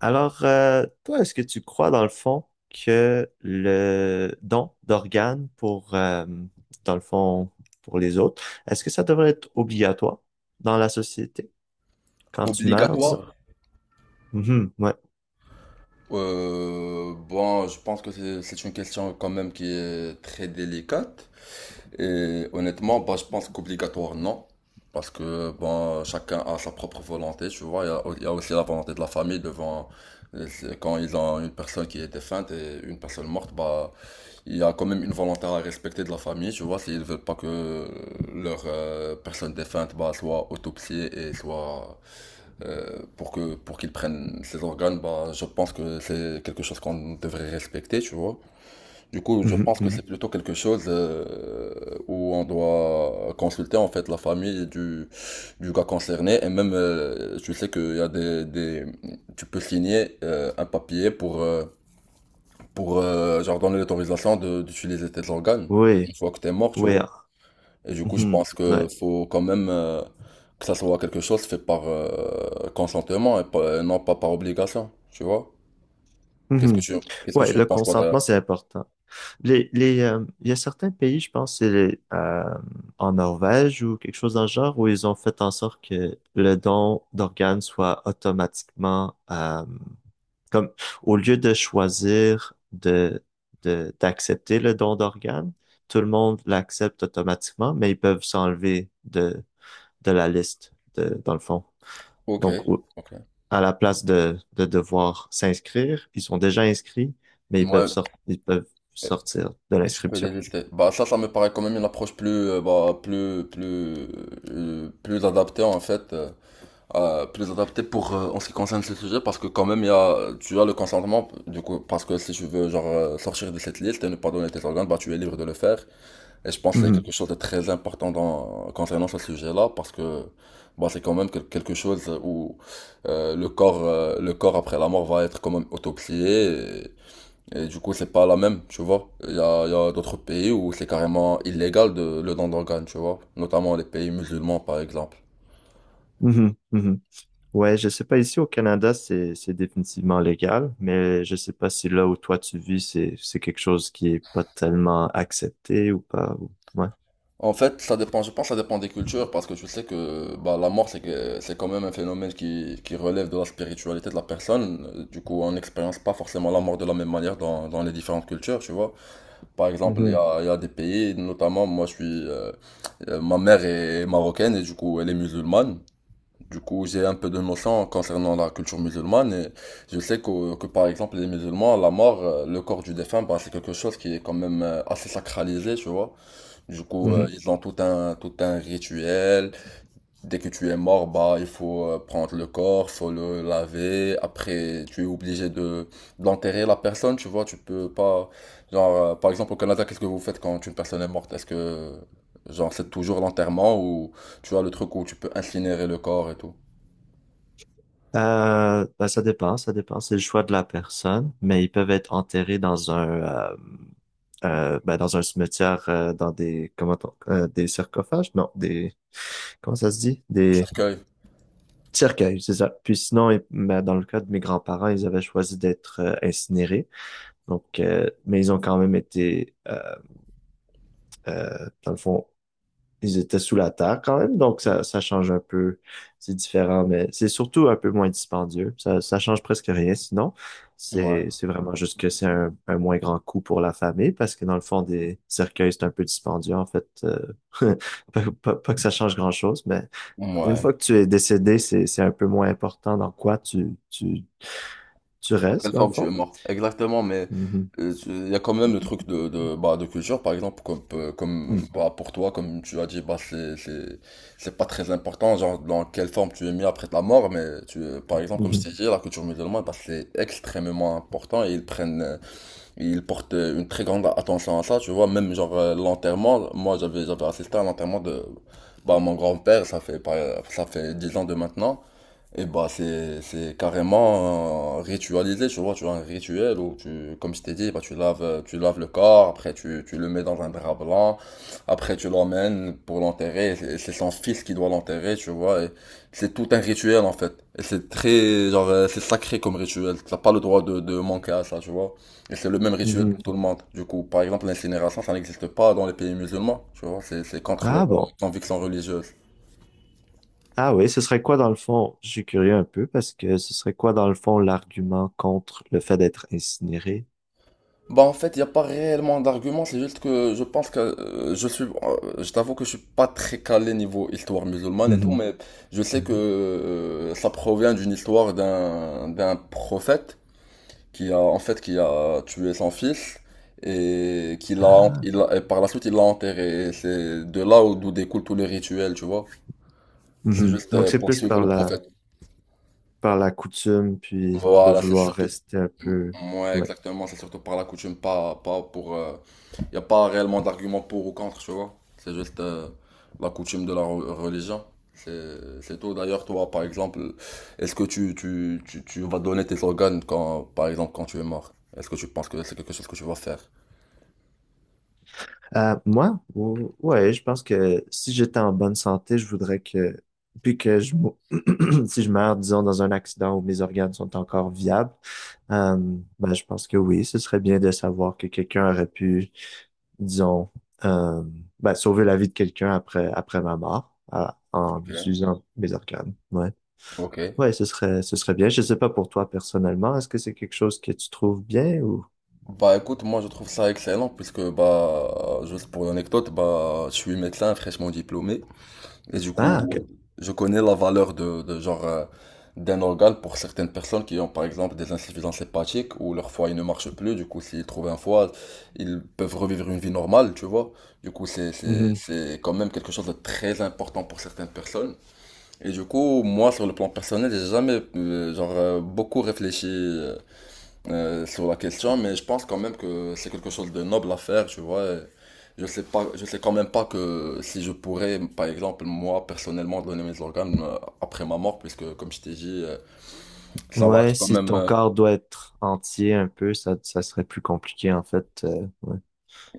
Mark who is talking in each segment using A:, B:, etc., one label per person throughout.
A: Alors, toi, est-ce que tu crois dans le fond que le don d'organes pour, dans le fond, pour les autres, est-ce que ça devrait être obligatoire dans la société quand tu meurs, disons?
B: Obligatoire?
A: Mhm, ouais.
B: Bon, je pense que c'est une question quand même qui est très délicate. Et honnêtement, bah, je pense qu'obligatoire, non. Parce que bon, chacun a sa propre volonté, tu vois. Il y a aussi la volonté de la famille devant. Quand ils ont une personne qui est défunte et une personne morte, bah, il y a quand même une volonté à respecter de la famille, tu vois. S'ils veulent pas que leur personne défunte bah, soit autopsiée et soit pour qu'ils prennent ces organes, bah, je pense que c'est quelque chose qu'on devrait respecter, tu vois. Du coup, je
A: Mhm,
B: pense que
A: mhm.
B: c'est plutôt quelque chose où on doit consulter en fait la famille du gars concerné et même, tu sais qu'il y a tu peux signer un papier pour genre donner l'autorisation d'utiliser tes organes une
A: Oui,
B: fois que t'es mort, tu
A: oui,
B: vois.
A: ah,
B: Et du coup, je
A: mhm,
B: pense que
A: ouais.
B: faut quand même que ça soit quelque chose fait par consentement et et non pas par obligation, tu vois? Qu'est-ce que
A: Mhm.
B: tu, Qu'est-ce que
A: Ouais,
B: tu en
A: le
B: penses, toi, d'ailleurs?
A: consentement, c'est important. Il y a certains pays, je pense, c'est les, en Norvège ou quelque chose dans le genre, où ils ont fait en sorte que le don d'organes soit automatiquement, comme au lieu de choisir d'accepter le don d'organes, tout le monde l'accepte automatiquement, mais ils peuvent s'enlever de, la liste, dans le fond.
B: Ok,
A: Donc,
B: ok.
A: à la place de devoir s'inscrire, ils sont déjà inscrits, mais
B: Ouais,
A: ils peuvent
B: et,
A: sortir de
B: et tu peux
A: l'inscription.
B: délister. Bah, ça me paraît quand même une approche plus adaptée, en fait, plus adaptée pour, en ce qui concerne ce sujet, parce que quand même, il y a, tu as le consentement, du coup, parce que si tu veux, genre, sortir de cette liste et ne pas donner tes organes, bah, tu es libre de le faire. Et je pense qu'il y a
A: Mhm,
B: quelque chose de très important concernant ce sujet-là, parce que bah, c'est quand même quelque chose où le corps après la mort va être quand même autopsié, et du coup, c'est pas la même, tu vois. Il y a d'autres pays où c'est carrément illégal de, le don d'organes, tu vois, notamment les pays musulmans, par exemple.
A: mhm, mhm. Ouais, je sais pas, ici au Canada, c'est définitivement légal, mais je sais pas si là où toi tu vis, c'est quelque chose qui est pas tellement accepté ou pas. Ouais.
B: En fait, ça dépend, je pense que ça dépend des cultures, parce que tu sais que bah, la mort, c'est quand même un phénomène qui relève de la spiritualité de la personne. Du coup, on n'expérience pas forcément la mort de la même manière dans les différentes cultures, tu vois. Par exemple,
A: Mhm,
B: il y a des pays, notamment, moi, ma mère est marocaine et du coup, elle est musulmane. Du coup, j'ai un peu de notion concernant la culture musulmane et je sais que par exemple, les musulmans, la mort, le corps du défunt, bah, c'est quelque chose qui est quand même assez sacralisé, tu vois. Du coup,
A: mhm.
B: ils ont tout un rituel. Dès que tu es mort, bah, il faut prendre le corps, faut le laver. Après, tu es obligé de d'enterrer la personne, tu vois. Tu peux pas, genre, par exemple, au Canada, qu'est-ce que vous faites quand une personne est morte? Est-ce que, genre, c'est toujours l'enterrement ou tu as le truc où tu peux incinérer le corps et tout?
A: Ben, ça dépend, ça dépend. C'est le choix de la personne, mais ils peuvent être enterrés euh, dans un cimetière, dans des sarcophages? Non, des comment ça se dit?
B: Un cercueil.
A: Cercueil, c'est ça. Puis sinon, dans le cas de mes grands-parents, ils avaient choisi d'être incinérés. Donc, mais ils ont quand même été, dans le fond, ils étaient sous la terre quand même. Donc, ça change un peu. C'est différent, mais c'est surtout un peu moins dispendieux. Ça change presque rien. Sinon,
B: Ouais.
A: c'est vraiment juste que c'est un moins grand coût pour la famille parce que dans le fond, des cercueils, c'est un peu dispendieux, en fait. Pas que ça change grand-chose, mais une
B: Ouais.
A: fois que tu es décédé, c'est un peu moins important dans quoi tu
B: En quelle
A: restes, dans le
B: forme tu
A: fond.
B: es mort? Exactement, mais
A: Mhm.
B: il y a quand même le truc bah, de culture, par exemple, comme
A: Mm.
B: bah, pour toi, comme tu as dit, bah, c'est pas très important, genre dans quelle forme tu es mis après ta mort, mais par exemple, comme je
A: Mhm.
B: t'ai dit, la culture musulmane, bah, c'est extrêmement important et ils portent une très grande attention à ça, tu vois, même genre l'enterrement, moi j'avais assisté à l'enterrement de bah, mon grand-père, ça fait 10 ans de maintenant. Et bah c'est carrément ritualisé, tu vois, tu as un rituel où tu comme je t'ai dit, bah tu laves le corps, après tu le mets dans un drap blanc, après tu l'emmènes pour l'enterrer, et c'est son fils qui doit l'enterrer, tu vois, et c'est tout un rituel en fait. Et c'est très genre c'est sacré comme rituel, t'as pas le droit de manquer à ça, tu vois. Et c'est le même rituel pour tout
A: Mhm.
B: le monde. Du coup, par exemple, l'incinération, ça n'existe pas dans les pays musulmans, tu vois, c'est contre leur
A: Ah bon.
B: conviction religieuse.
A: Ah oui, ce serait quoi dans le fond? Je suis curieux un peu parce que ce serait quoi dans le fond l'argument contre le fait d'être incinéré?
B: Bah en fait, il n'y a pas réellement d'argument, c'est juste que je pense que je t'avoue que je suis pas très calé niveau histoire musulmane et tout,
A: Mhm.
B: mais je sais que
A: Mhm.
B: ça provient d'une histoire d'un prophète qui a tué son fils et qui l'a,
A: Ah.
B: il l'a- et par la suite il l'a enterré. Et c'est d'où découlent tous les rituels, tu vois. C'est
A: Mhm.
B: juste
A: Donc c'est
B: pour
A: plus
B: suivre le prophète.
A: par la coutume, puis de
B: Voilà, c'est
A: vouloir
B: surtout.
A: rester un peu.
B: Mm, ouais,
A: Ouais.
B: exactement, c'est surtout par la coutume, pas pour. Il n'y a pas réellement d'argument pour ou contre, tu vois. C'est juste la coutume de la religion. C'est tout. D'ailleurs, toi, par exemple, est-ce que tu vas donner tes organes quand, par exemple, quand tu es mort? Est-ce que tu penses que c'est quelque chose que tu vas faire?
A: Moi, ouais, je pense que si j'étais en bonne santé, je voudrais que, puis que je, mou- si je meurs, disons, dans un accident où mes organes sont encore viables, euh, ben, je pense que oui, ce serait bien de savoir que quelqu'un aurait pu, disons, euh, ben, sauver la vie de quelqu'un après ma mort, en
B: Ok.
A: utilisant mes organes. Ouais.
B: Ok.
A: Ouais, ce serait bien. Je sais pas pour toi personnellement, est-ce que c'est quelque chose que tu trouves bien ou?
B: Bah écoute, moi je trouve ça excellent puisque bah juste pour l'anecdote, bah je suis médecin fraîchement diplômé. Et du
A: Ah,
B: coup,
A: ok.
B: je connais la valeur de genre d'un organe pour certaines personnes qui ont par exemple des insuffisances hépatiques ou leur foie il ne marche plus. Du coup, s'ils trouvent un foie, ils peuvent revivre une vie normale, tu vois. Du coup, c'est quand même quelque chose de très important pour certaines personnes. Et du coup, moi, sur le plan personnel, j'ai jamais beaucoup réfléchi sur la question, mais je pense quand même que c'est quelque chose de noble à faire, tu vois. Et je sais pas, je sais quand même pas que si je pourrais, par exemple, moi, personnellement, donner mes organes après ma mort, puisque, comme je t'ai dit, ça va
A: Ouais,
B: être quand
A: si
B: même,
A: ton corps doit être entier un peu, ça serait plus compliqué en fait. Ouais.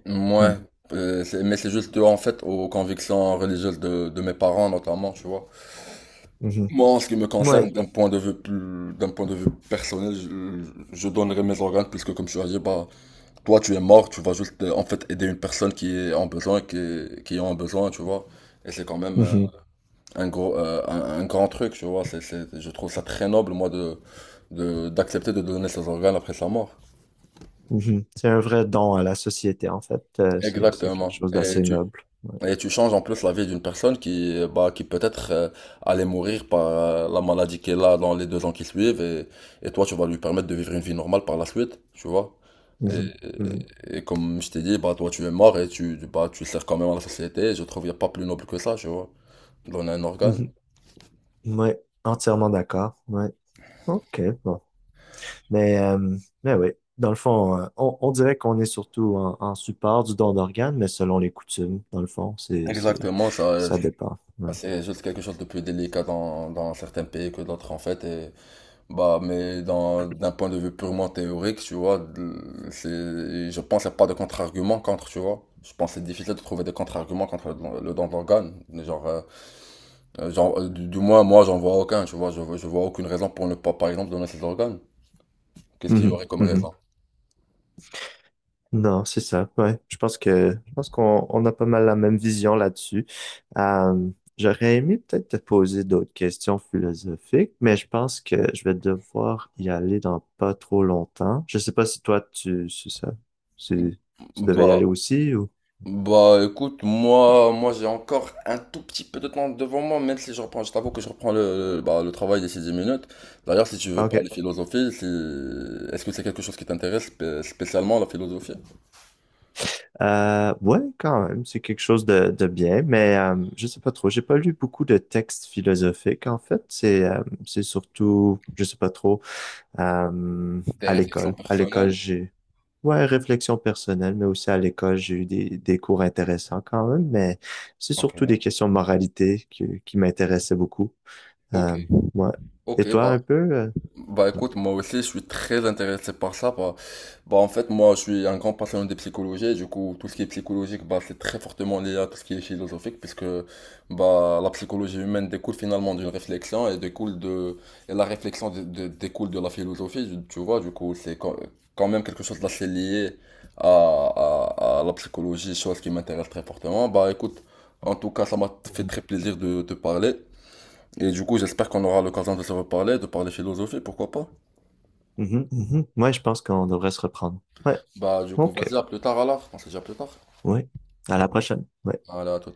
B: ouais,
A: Hmm.
B: mais c'est juste, en fait, aux convictions religieuses de mes parents, notamment, tu vois.
A: Mhm.
B: Moi, en ce qui me concerne,
A: Ouais.
B: d'un point de vue plus, d'un point de vue personnel, je donnerai mes organes, puisque, comme tu as dit, bah, toi, tu es mort, tu vas juste en fait aider une personne qui est en besoin, qui en a besoin, tu vois. Et c'est quand même
A: Mhm.
B: un grand truc, tu vois. Je trouve ça très noble, moi, d'accepter de donner ses organes après sa mort.
A: Mhm. C'est un vrai don à la société en fait. C'est
B: Exactement.
A: quelque chose d'assez noble. Ouais.
B: Et tu changes en plus la vie d'une personne qui, bah, qui peut-être allait mourir par la maladie qu'elle a dans les 2 ans qui suivent et, toi tu vas lui permettre de vivre une vie normale par la suite, tu vois. Et,
A: Mhm. Mhm.
B: et comme je t'ai dit, bah, toi tu es mort et tu sers quand même à la société. Et je trouve qu'il n'y a pas plus noble que ça, tu vois. Donner un organe.
A: Mhm. Ouais. Entièrement d'accord. Ouais. OK, bon. Mais, euh, mais, oui, dans le fond, on dirait qu'on est surtout en support du don d'organes, mais selon les coutumes, dans le fond,
B: Exactement, ça,
A: ça dépend. Ouais.
B: c'est juste quelque chose de plus délicat dans certains pays que d'autres en fait. Bah, mais d'un point de vue purement théorique, tu vois, c'est, je pense qu'il n'y a pas de contre-argument contre, tu vois. Je pense que c'est difficile de trouver des contre-arguments contre le don d'organe. Genre, du moins, moi, j'en vois aucun, tu vois. Je vois aucune raison pour ne pas, par exemple, donner ses organes. Qu'est-ce qu'il y
A: Mhm.
B: aurait comme
A: Mhm.
B: raison?
A: Non, c'est ça. Ouais, je pense qu'on a pas mal la même vision là-dessus. Euh, j'aurais aimé peut-être te poser d'autres questions philosophiques, mais je pense que je vais devoir y aller dans pas trop longtemps. Je sais pas si toi tu c'est ça, si tu devais y aller
B: Bah,
A: aussi ou.
B: Bah écoute, moi j'ai encore un tout petit peu de temps devant moi, même si je t'avoue que je reprends le travail d'ici 10 minutes. D'ailleurs, si tu veux
A: Ah,
B: parler
A: Ok.
B: philosophie, si... est-ce que c'est quelque chose qui t'intéresse spécialement la philosophie?
A: Ouais, quand même, c'est quelque chose de bien, mais je sais pas trop. J'ai pas lu beaucoup de textes philosophiques en fait. C'est surtout, je sais pas trop.
B: Tes
A: À
B: réflexions
A: l'école. À l'école,
B: personnelles?
A: j'ai Ouais, réflexion personnelle, mais aussi à l'école, j'ai eu des cours intéressants quand même, mais c'est surtout des
B: Ok.
A: questions de moralité qui m'intéressaient beaucoup.
B: Ok,
A: Euh, ouais. Et
B: ok,
A: toi, un peu?
B: Bah
A: Ouais.
B: écoute, moi aussi je suis très intéressé par ça. Bah, en fait, moi je suis un grand passionné de psychologie. Et du coup, tout ce qui est psychologique, bah, c'est très fortement lié à tout ce qui est philosophique, puisque bah, la psychologie humaine découle finalement d'une réflexion et découle de et la réflexion découle de la philosophie. Tu vois, du coup, c'est quand même quelque chose d'assez lié à, la psychologie, chose qui m'intéresse très fortement. Bah écoute, en tout cas, ça m'a fait
A: Mhm.
B: très plaisir de te parler. Et du coup, j'espère qu'on aura l'occasion de se reparler, de parler philosophie, pourquoi pas?
A: Mhm, mhm. Ouais, je pense qu'on devrait se reprendre. Ouais,
B: Bah, du coup,
A: ok.
B: vas-y, à plus tard alors. On se dit à plus tard.
A: Ouais. À la prochaine. Ouais.
B: Allez, à tout.